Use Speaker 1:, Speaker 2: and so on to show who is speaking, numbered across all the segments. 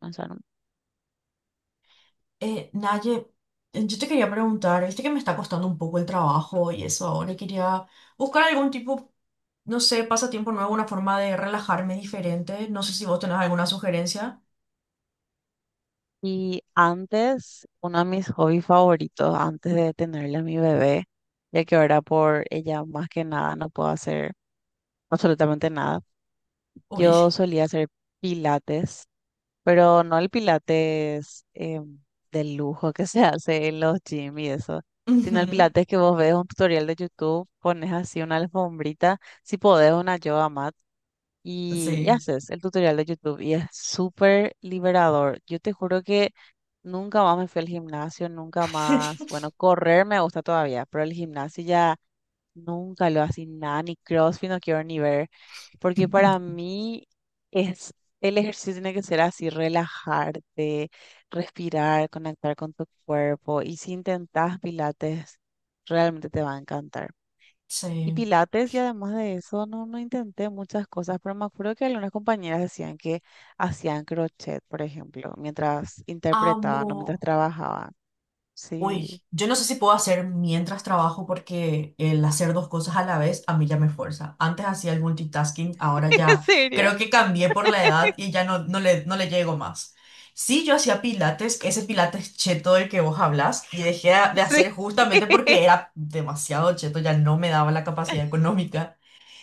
Speaker 1: Pensaron.
Speaker 2: Naye, yo te quería preguntar, viste que me está costando un poco el trabajo y eso ahora, y quería buscar algún tipo, no sé, pasatiempo nuevo, una forma de relajarme diferente. No sé si vos tenés alguna sugerencia.
Speaker 1: Y antes, uno de mis hobbies favoritos, antes de tenerle a mi bebé, ya que ahora por ella más que nada no puedo hacer absolutamente nada,
Speaker 2: Uy.
Speaker 1: yo solía hacer pilates, pero no el pilates de lujo que se hace en los gym y eso, sino el
Speaker 2: Ujú.
Speaker 1: pilates que vos ves un tutorial de YouTube, pones así una alfombrita, si podés una yoga mat y,
Speaker 2: Sí.
Speaker 1: haces el tutorial de YouTube y es súper liberador. Yo te juro que nunca más me fui al gimnasio, nunca más, bueno, correr me gusta todavía, pero el gimnasio ya nunca lo así nada, ni CrossFit no quiero ni ver, porque para mí es, el ejercicio tiene que ser así, relajarte, respirar, conectar con tu cuerpo y si intentas pilates, realmente te va a encantar. Y
Speaker 2: Sí.
Speaker 1: Pilates, y además de eso, no, no intenté muchas cosas, pero me acuerdo que algunas compañeras decían que hacían crochet, por ejemplo, mientras interpretaban o mientras
Speaker 2: Amo.
Speaker 1: trabajaban. Sí,
Speaker 2: Uy, yo no sé si puedo hacer mientras trabajo porque el hacer dos cosas a la vez a mí ya me fuerza. Antes hacía el multitasking, ahora
Speaker 1: ¿en
Speaker 2: ya
Speaker 1: serio?
Speaker 2: creo que cambié por la edad y ya no le llego más. Sí, yo hacía pilates, ese pilates cheto del que vos hablas, y dejé de
Speaker 1: Sí,
Speaker 2: hacer justamente porque era demasiado cheto, ya no me daba la capacidad económica.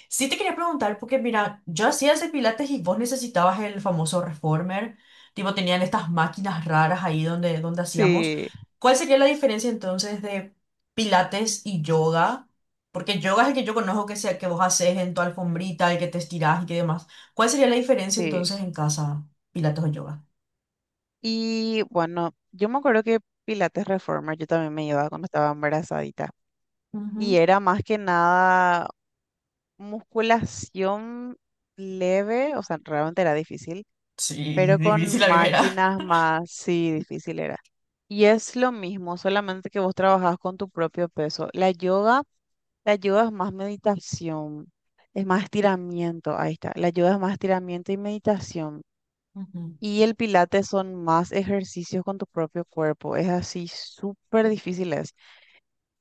Speaker 2: Sí te quería preguntar, porque mira, yo hacía ese pilates y vos necesitabas el famoso reformer, tipo tenían estas máquinas raras ahí donde hacíamos.
Speaker 1: sí,
Speaker 2: ¿Cuál sería la diferencia entonces de pilates y yoga? Porque yoga es el que yo conozco que, sea, que vos haces en tu alfombrita, el que te estirás y que demás. ¿Cuál sería la diferencia
Speaker 1: sí.
Speaker 2: entonces en casa, pilates o yoga?
Speaker 1: Y bueno, yo me acuerdo que Pilates Reformer yo también me llevaba cuando estaba embarazadita. Y
Speaker 2: Ujú.
Speaker 1: era más que nada musculación leve, o sea, realmente era difícil,
Speaker 2: Sí,
Speaker 1: pero con
Speaker 2: difícil la primera.
Speaker 1: máquinas más, sí, difícil era. Y es lo mismo, solamente que vos trabajás con tu propio peso. La yoga es más meditación, es más estiramiento, ahí está. La yoga es más estiramiento y meditación.
Speaker 2: Ujú.
Speaker 1: Y el pilates son más ejercicios con tu propio cuerpo. Es así, súper difícil es.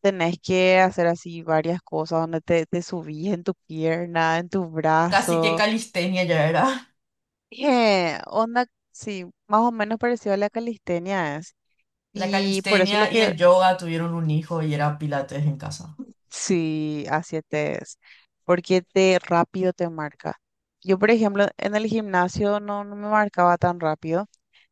Speaker 1: Tenés que hacer así varias cosas donde te subís en tu pierna, en tu
Speaker 2: Casi que
Speaker 1: brazo.
Speaker 2: calistenia ya era.
Speaker 1: Onda, sí, más o menos parecido a la calistenia.
Speaker 2: La
Speaker 1: Y por eso lo
Speaker 2: calistenia y
Speaker 1: que
Speaker 2: el yoga tuvieron un hijo y era pilates en casa.
Speaker 1: sí, así te es, porque te rápido te marca. Yo, por ejemplo, en el gimnasio no, no me marcaba tan rápido,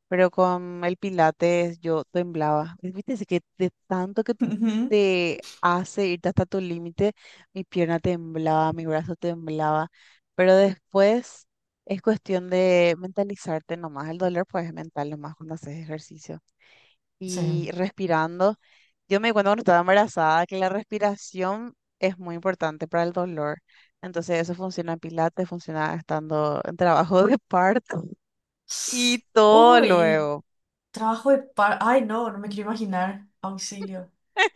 Speaker 1: pero con el pilates yo temblaba. ¿Viste? Ese que de tanto que
Speaker 2: Ujú.
Speaker 1: te hace irte hasta tu límite, mi pierna temblaba, mi brazo temblaba, pero después es cuestión de mentalizarte nomás. El dolor pues es mental nomás cuando haces ejercicio.
Speaker 2: Sí.
Speaker 1: Y respirando. Yo me di cuenta cuando estaba embarazada que la respiración es muy importante para el dolor. Entonces eso funciona en pilates, funciona estando en trabajo de parto y todo
Speaker 2: Uy,
Speaker 1: luego.
Speaker 2: trabajo de par... Ay, no, no me quiero imaginar. Auxilio.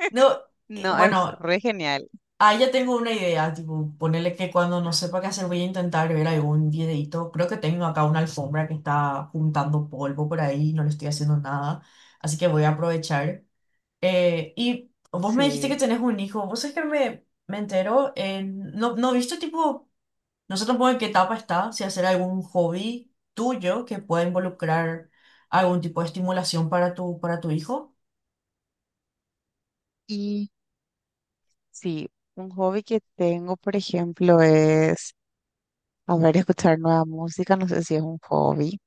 Speaker 2: No,
Speaker 1: No, es
Speaker 2: bueno,
Speaker 1: re genial.
Speaker 2: ahí ya tengo una idea, tipo, ponerle que cuando no sepa qué hacer voy a intentar ver algún videito. Creo que tengo acá una alfombra que está juntando polvo por ahí, no le estoy haciendo nada, así que voy a aprovechar. Y vos me dijiste que
Speaker 1: Sí.
Speaker 2: tenés un hijo, vos es que me entero, en... no, no viste tipo... No sé tampoco en qué etapa está, si hacer algún hobby tuyo que pueda involucrar algún tipo de estimulación para tu hijo.
Speaker 1: Y sí, un hobby que tengo, por ejemplo, es, a ver, escuchar nueva música. No sé si es un hobby,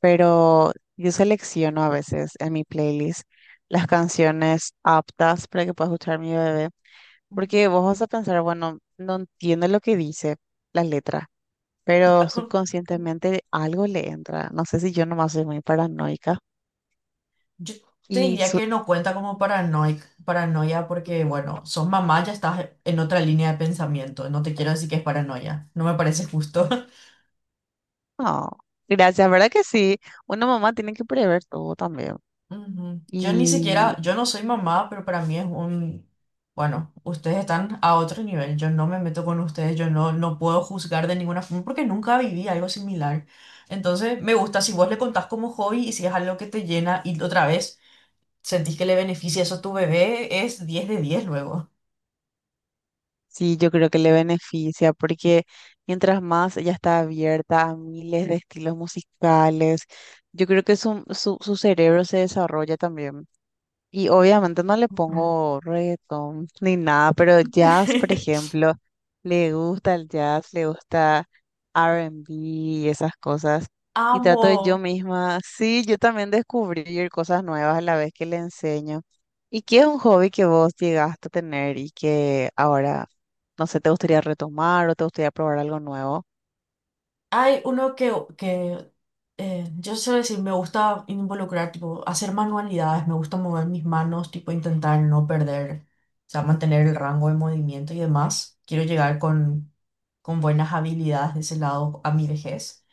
Speaker 1: pero yo selecciono a veces en mi playlist las canciones aptas para que pueda escuchar mi bebé. Porque vos vas a pensar, bueno, no entiendo lo que dice la letra, pero
Speaker 2: Ujú.
Speaker 1: subconscientemente algo le entra. No sé si yo nomás soy muy paranoica.
Speaker 2: Yo te
Speaker 1: Y
Speaker 2: diría
Speaker 1: su-
Speaker 2: que no cuenta como paranoia porque, bueno, sos mamá, ya estás en otra línea de pensamiento. No te quiero decir que es paranoia, no me parece justo.
Speaker 1: no, gracias, ¿verdad que sí? Una mamá tiene que prever todo también.
Speaker 2: Ujú. Yo ni siquiera,
Speaker 1: Y
Speaker 2: yo no soy mamá, pero para mí es un, bueno, ustedes están a otro nivel, yo no me meto con ustedes, yo no puedo juzgar de ninguna forma porque nunca viví algo similar. Entonces, me gusta si vos le contás como hobby y si es algo que te llena y otra vez sentís que le beneficia eso a tu bebé, es 10 de 10 luego.
Speaker 1: sí, yo creo que le beneficia porque mientras más ella está abierta a miles de estilos musicales, yo creo que su, su cerebro se desarrolla también. Y obviamente no le
Speaker 2: Ujú.
Speaker 1: pongo reggaetón ni nada, pero jazz, por ejemplo, le gusta el jazz, le gusta R&B y esas cosas. Y trato de yo
Speaker 2: Amo.
Speaker 1: misma, sí, yo también descubrir cosas nuevas a la vez que le enseño. ¿Y qué es un hobby que vos llegaste a tener y que ahora, no sé, te gustaría retomar o te gustaría probar algo nuevo?
Speaker 2: Hay uno que, que yo suelo decir, me gusta involucrar, tipo, hacer manualidades, me gusta mover mis manos, tipo, intentar no perder, o sea, mantener el rango de movimiento y demás. Quiero llegar con buenas habilidades de ese lado a mi vejez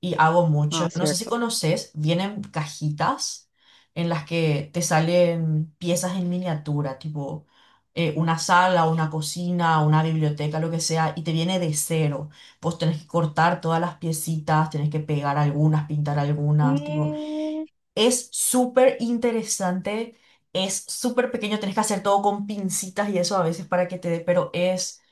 Speaker 2: y hago
Speaker 1: Ah,
Speaker 2: mucho. No sé si
Speaker 1: cierto.
Speaker 2: conoces, vienen cajitas en las que te salen piezas en miniatura, tipo una sala, una cocina, una biblioteca, lo que sea, y te viene de cero. Vos tenés que cortar todas las piecitas, tenés que pegar algunas, pintar algunas, tipo,
Speaker 1: Mm,
Speaker 2: es súper interesante, es súper pequeño, tenés que hacer todo con pincitas y eso a veces para que te dé, pero es,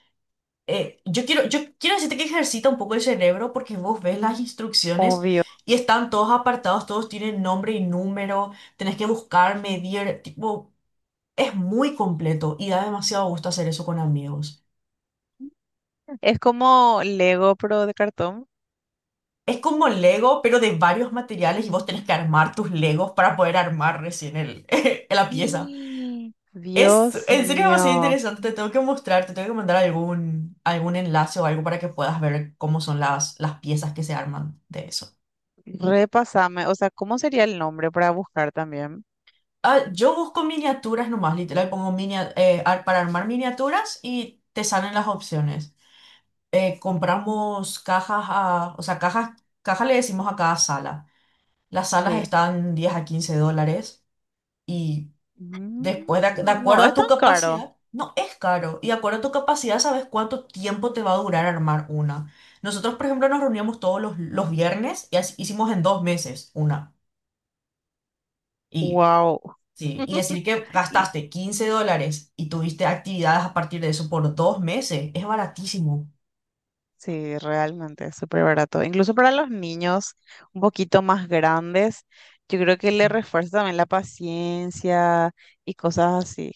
Speaker 2: yo quiero decirte que ejercita un poco el cerebro porque vos ves las instrucciones
Speaker 1: obvio.
Speaker 2: y están todos apartados, todos tienen nombre y número, tenés que buscar, medir, tipo, es muy completo y da demasiado gusto hacer eso con amigos.
Speaker 1: Es como Lego, pero de cartón.
Speaker 2: Es como Lego, pero de varios materiales y vos tenés que armar tus Legos para poder armar recién el, la pieza.
Speaker 1: Y
Speaker 2: Es
Speaker 1: Dios
Speaker 2: en serio demasiado
Speaker 1: mío,
Speaker 2: interesante, te tengo que mostrar, te tengo que mandar algún, algún enlace o algo para que puedas ver cómo son las piezas que se arman de eso.
Speaker 1: repasame. O sea, ¿cómo sería el nombre para buscar también?
Speaker 2: Ah, yo busco miniaturas nomás, literal, pongo para armar miniaturas y te salen las opciones. Compramos cajas, o sea, cajas, caja le decimos a cada sala. Las salas
Speaker 1: Sí.
Speaker 2: están $10 a $15. Y
Speaker 1: Mm,
Speaker 2: después, de
Speaker 1: no
Speaker 2: acuerdo
Speaker 1: es
Speaker 2: a tu
Speaker 1: tan caro.
Speaker 2: capacidad, no es caro. Y de acuerdo a tu capacidad, sabes cuánto tiempo te va a durar armar una. Nosotros, por ejemplo, nos reuníamos todos los viernes hicimos en 2 meses una. Y,
Speaker 1: Wow.
Speaker 2: sí, y decir que
Speaker 1: Y
Speaker 2: gastaste $15 y tuviste actividades a partir de eso por 2 meses, es baratísimo.
Speaker 1: sí, realmente es súper barato. Incluso para los niños un poquito más grandes, yo creo que le refuerza también la paciencia y cosas así.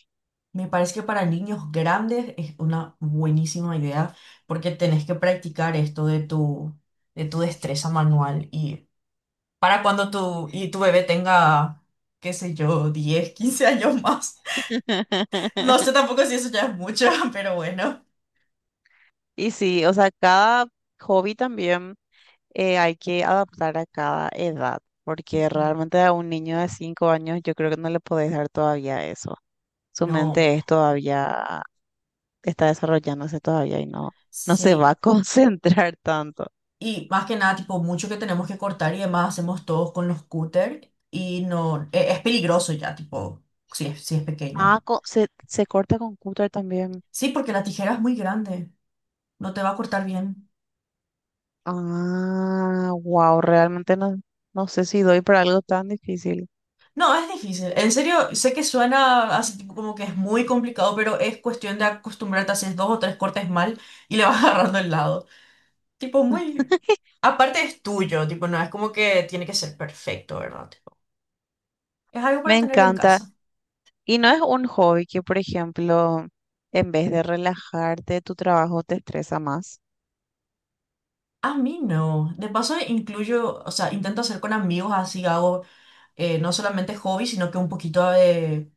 Speaker 2: Me parece que para niños grandes es una buenísima idea porque tenés que practicar esto de tu destreza manual. Y para cuando y tu bebé tenga, qué sé yo, 10 15 años más. No sé tampoco si eso ya es mucho, pero bueno.
Speaker 1: Y sí, o sea, cada hobby también. Hay que adaptar a cada edad, porque
Speaker 2: Ujú.
Speaker 1: realmente a un niño de 5 años yo creo que no le podés dar todavía eso. Su
Speaker 2: No,
Speaker 1: mente es todavía, está desarrollándose todavía y no, no se va
Speaker 2: sí.
Speaker 1: a concentrar tanto.
Speaker 2: Y más que nada, tipo, mucho que tenemos que cortar y demás hacemos todos con los cúter y no, es, peligroso ya, tipo, si es, si es pequeño.
Speaker 1: Ah, co- se corta con cúter también.
Speaker 2: Sí, porque la tijera es muy grande, no te va a cortar bien.
Speaker 1: Ah, wow, realmente no, no sé si doy para algo tan difícil.
Speaker 2: No, es difícil. En serio, sé que suena así tipo como que es muy complicado, pero es cuestión de acostumbrarte, haces dos o tres cortes mal y le vas agarrando el lado. Tipo, muy... Aparte es tuyo, tipo, no es como que tiene que ser perfecto, ¿verdad? Tipo, es algo
Speaker 1: Me
Speaker 2: para tener en
Speaker 1: encanta.
Speaker 2: casa.
Speaker 1: Y no es un hobby que, por ejemplo, en vez de relajarte, tu trabajo te estresa más.
Speaker 2: A mí no. De paso incluyo, o sea, intento hacer con amigos, así hago no solamente hobbies, sino que un poquito de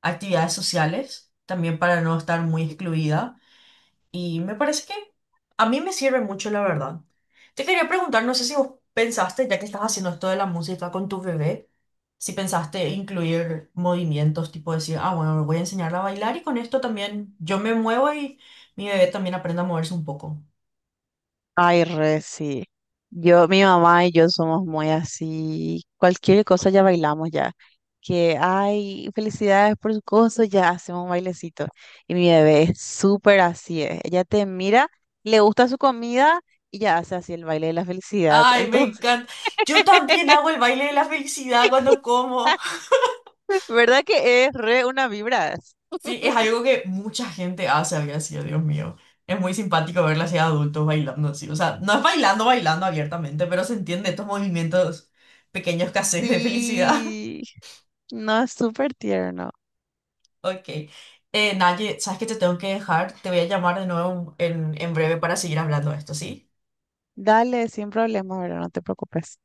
Speaker 2: actividades sociales, también para no estar muy excluida. Y me parece que a mí me sirve mucho, la verdad. Te quería preguntar, no sé si vos pensaste, ya que estás haciendo esto de la música con tu bebé, si pensaste incluir movimientos, tipo decir, ah, bueno, le voy a enseñarla a bailar y con esto también yo me muevo y mi bebé también aprende a moverse un poco.
Speaker 1: Ay, re, sí. Yo, mi mamá y yo somos muy así. Cualquier cosa ya bailamos ya. Que, ay, felicidades por su cosa, ya hacemos un bailecito. Y mi bebé es súper así. Ella te mira, le gusta su comida y ya hace así el baile de la felicidad.
Speaker 2: Ay, me
Speaker 1: Entonces,
Speaker 2: encanta. Yo también hago el baile de la felicidad cuando como.
Speaker 1: ¿verdad que es re una vibra?
Speaker 2: Sí, es algo que mucha gente hace, había sido, Dios mío. Es muy simpático verla así a adultos bailando así. O sea, no es bailando, bailando abiertamente, pero se entiende estos movimientos pequeños que haces de felicidad.
Speaker 1: Sí. No, es súper tierno.
Speaker 2: Ok. Naye, ¿sabes que te tengo que dejar? Te voy a llamar de nuevo en breve para seguir hablando de esto, ¿sí?
Speaker 1: Dale, sin problema, ¿verdad? No te preocupes.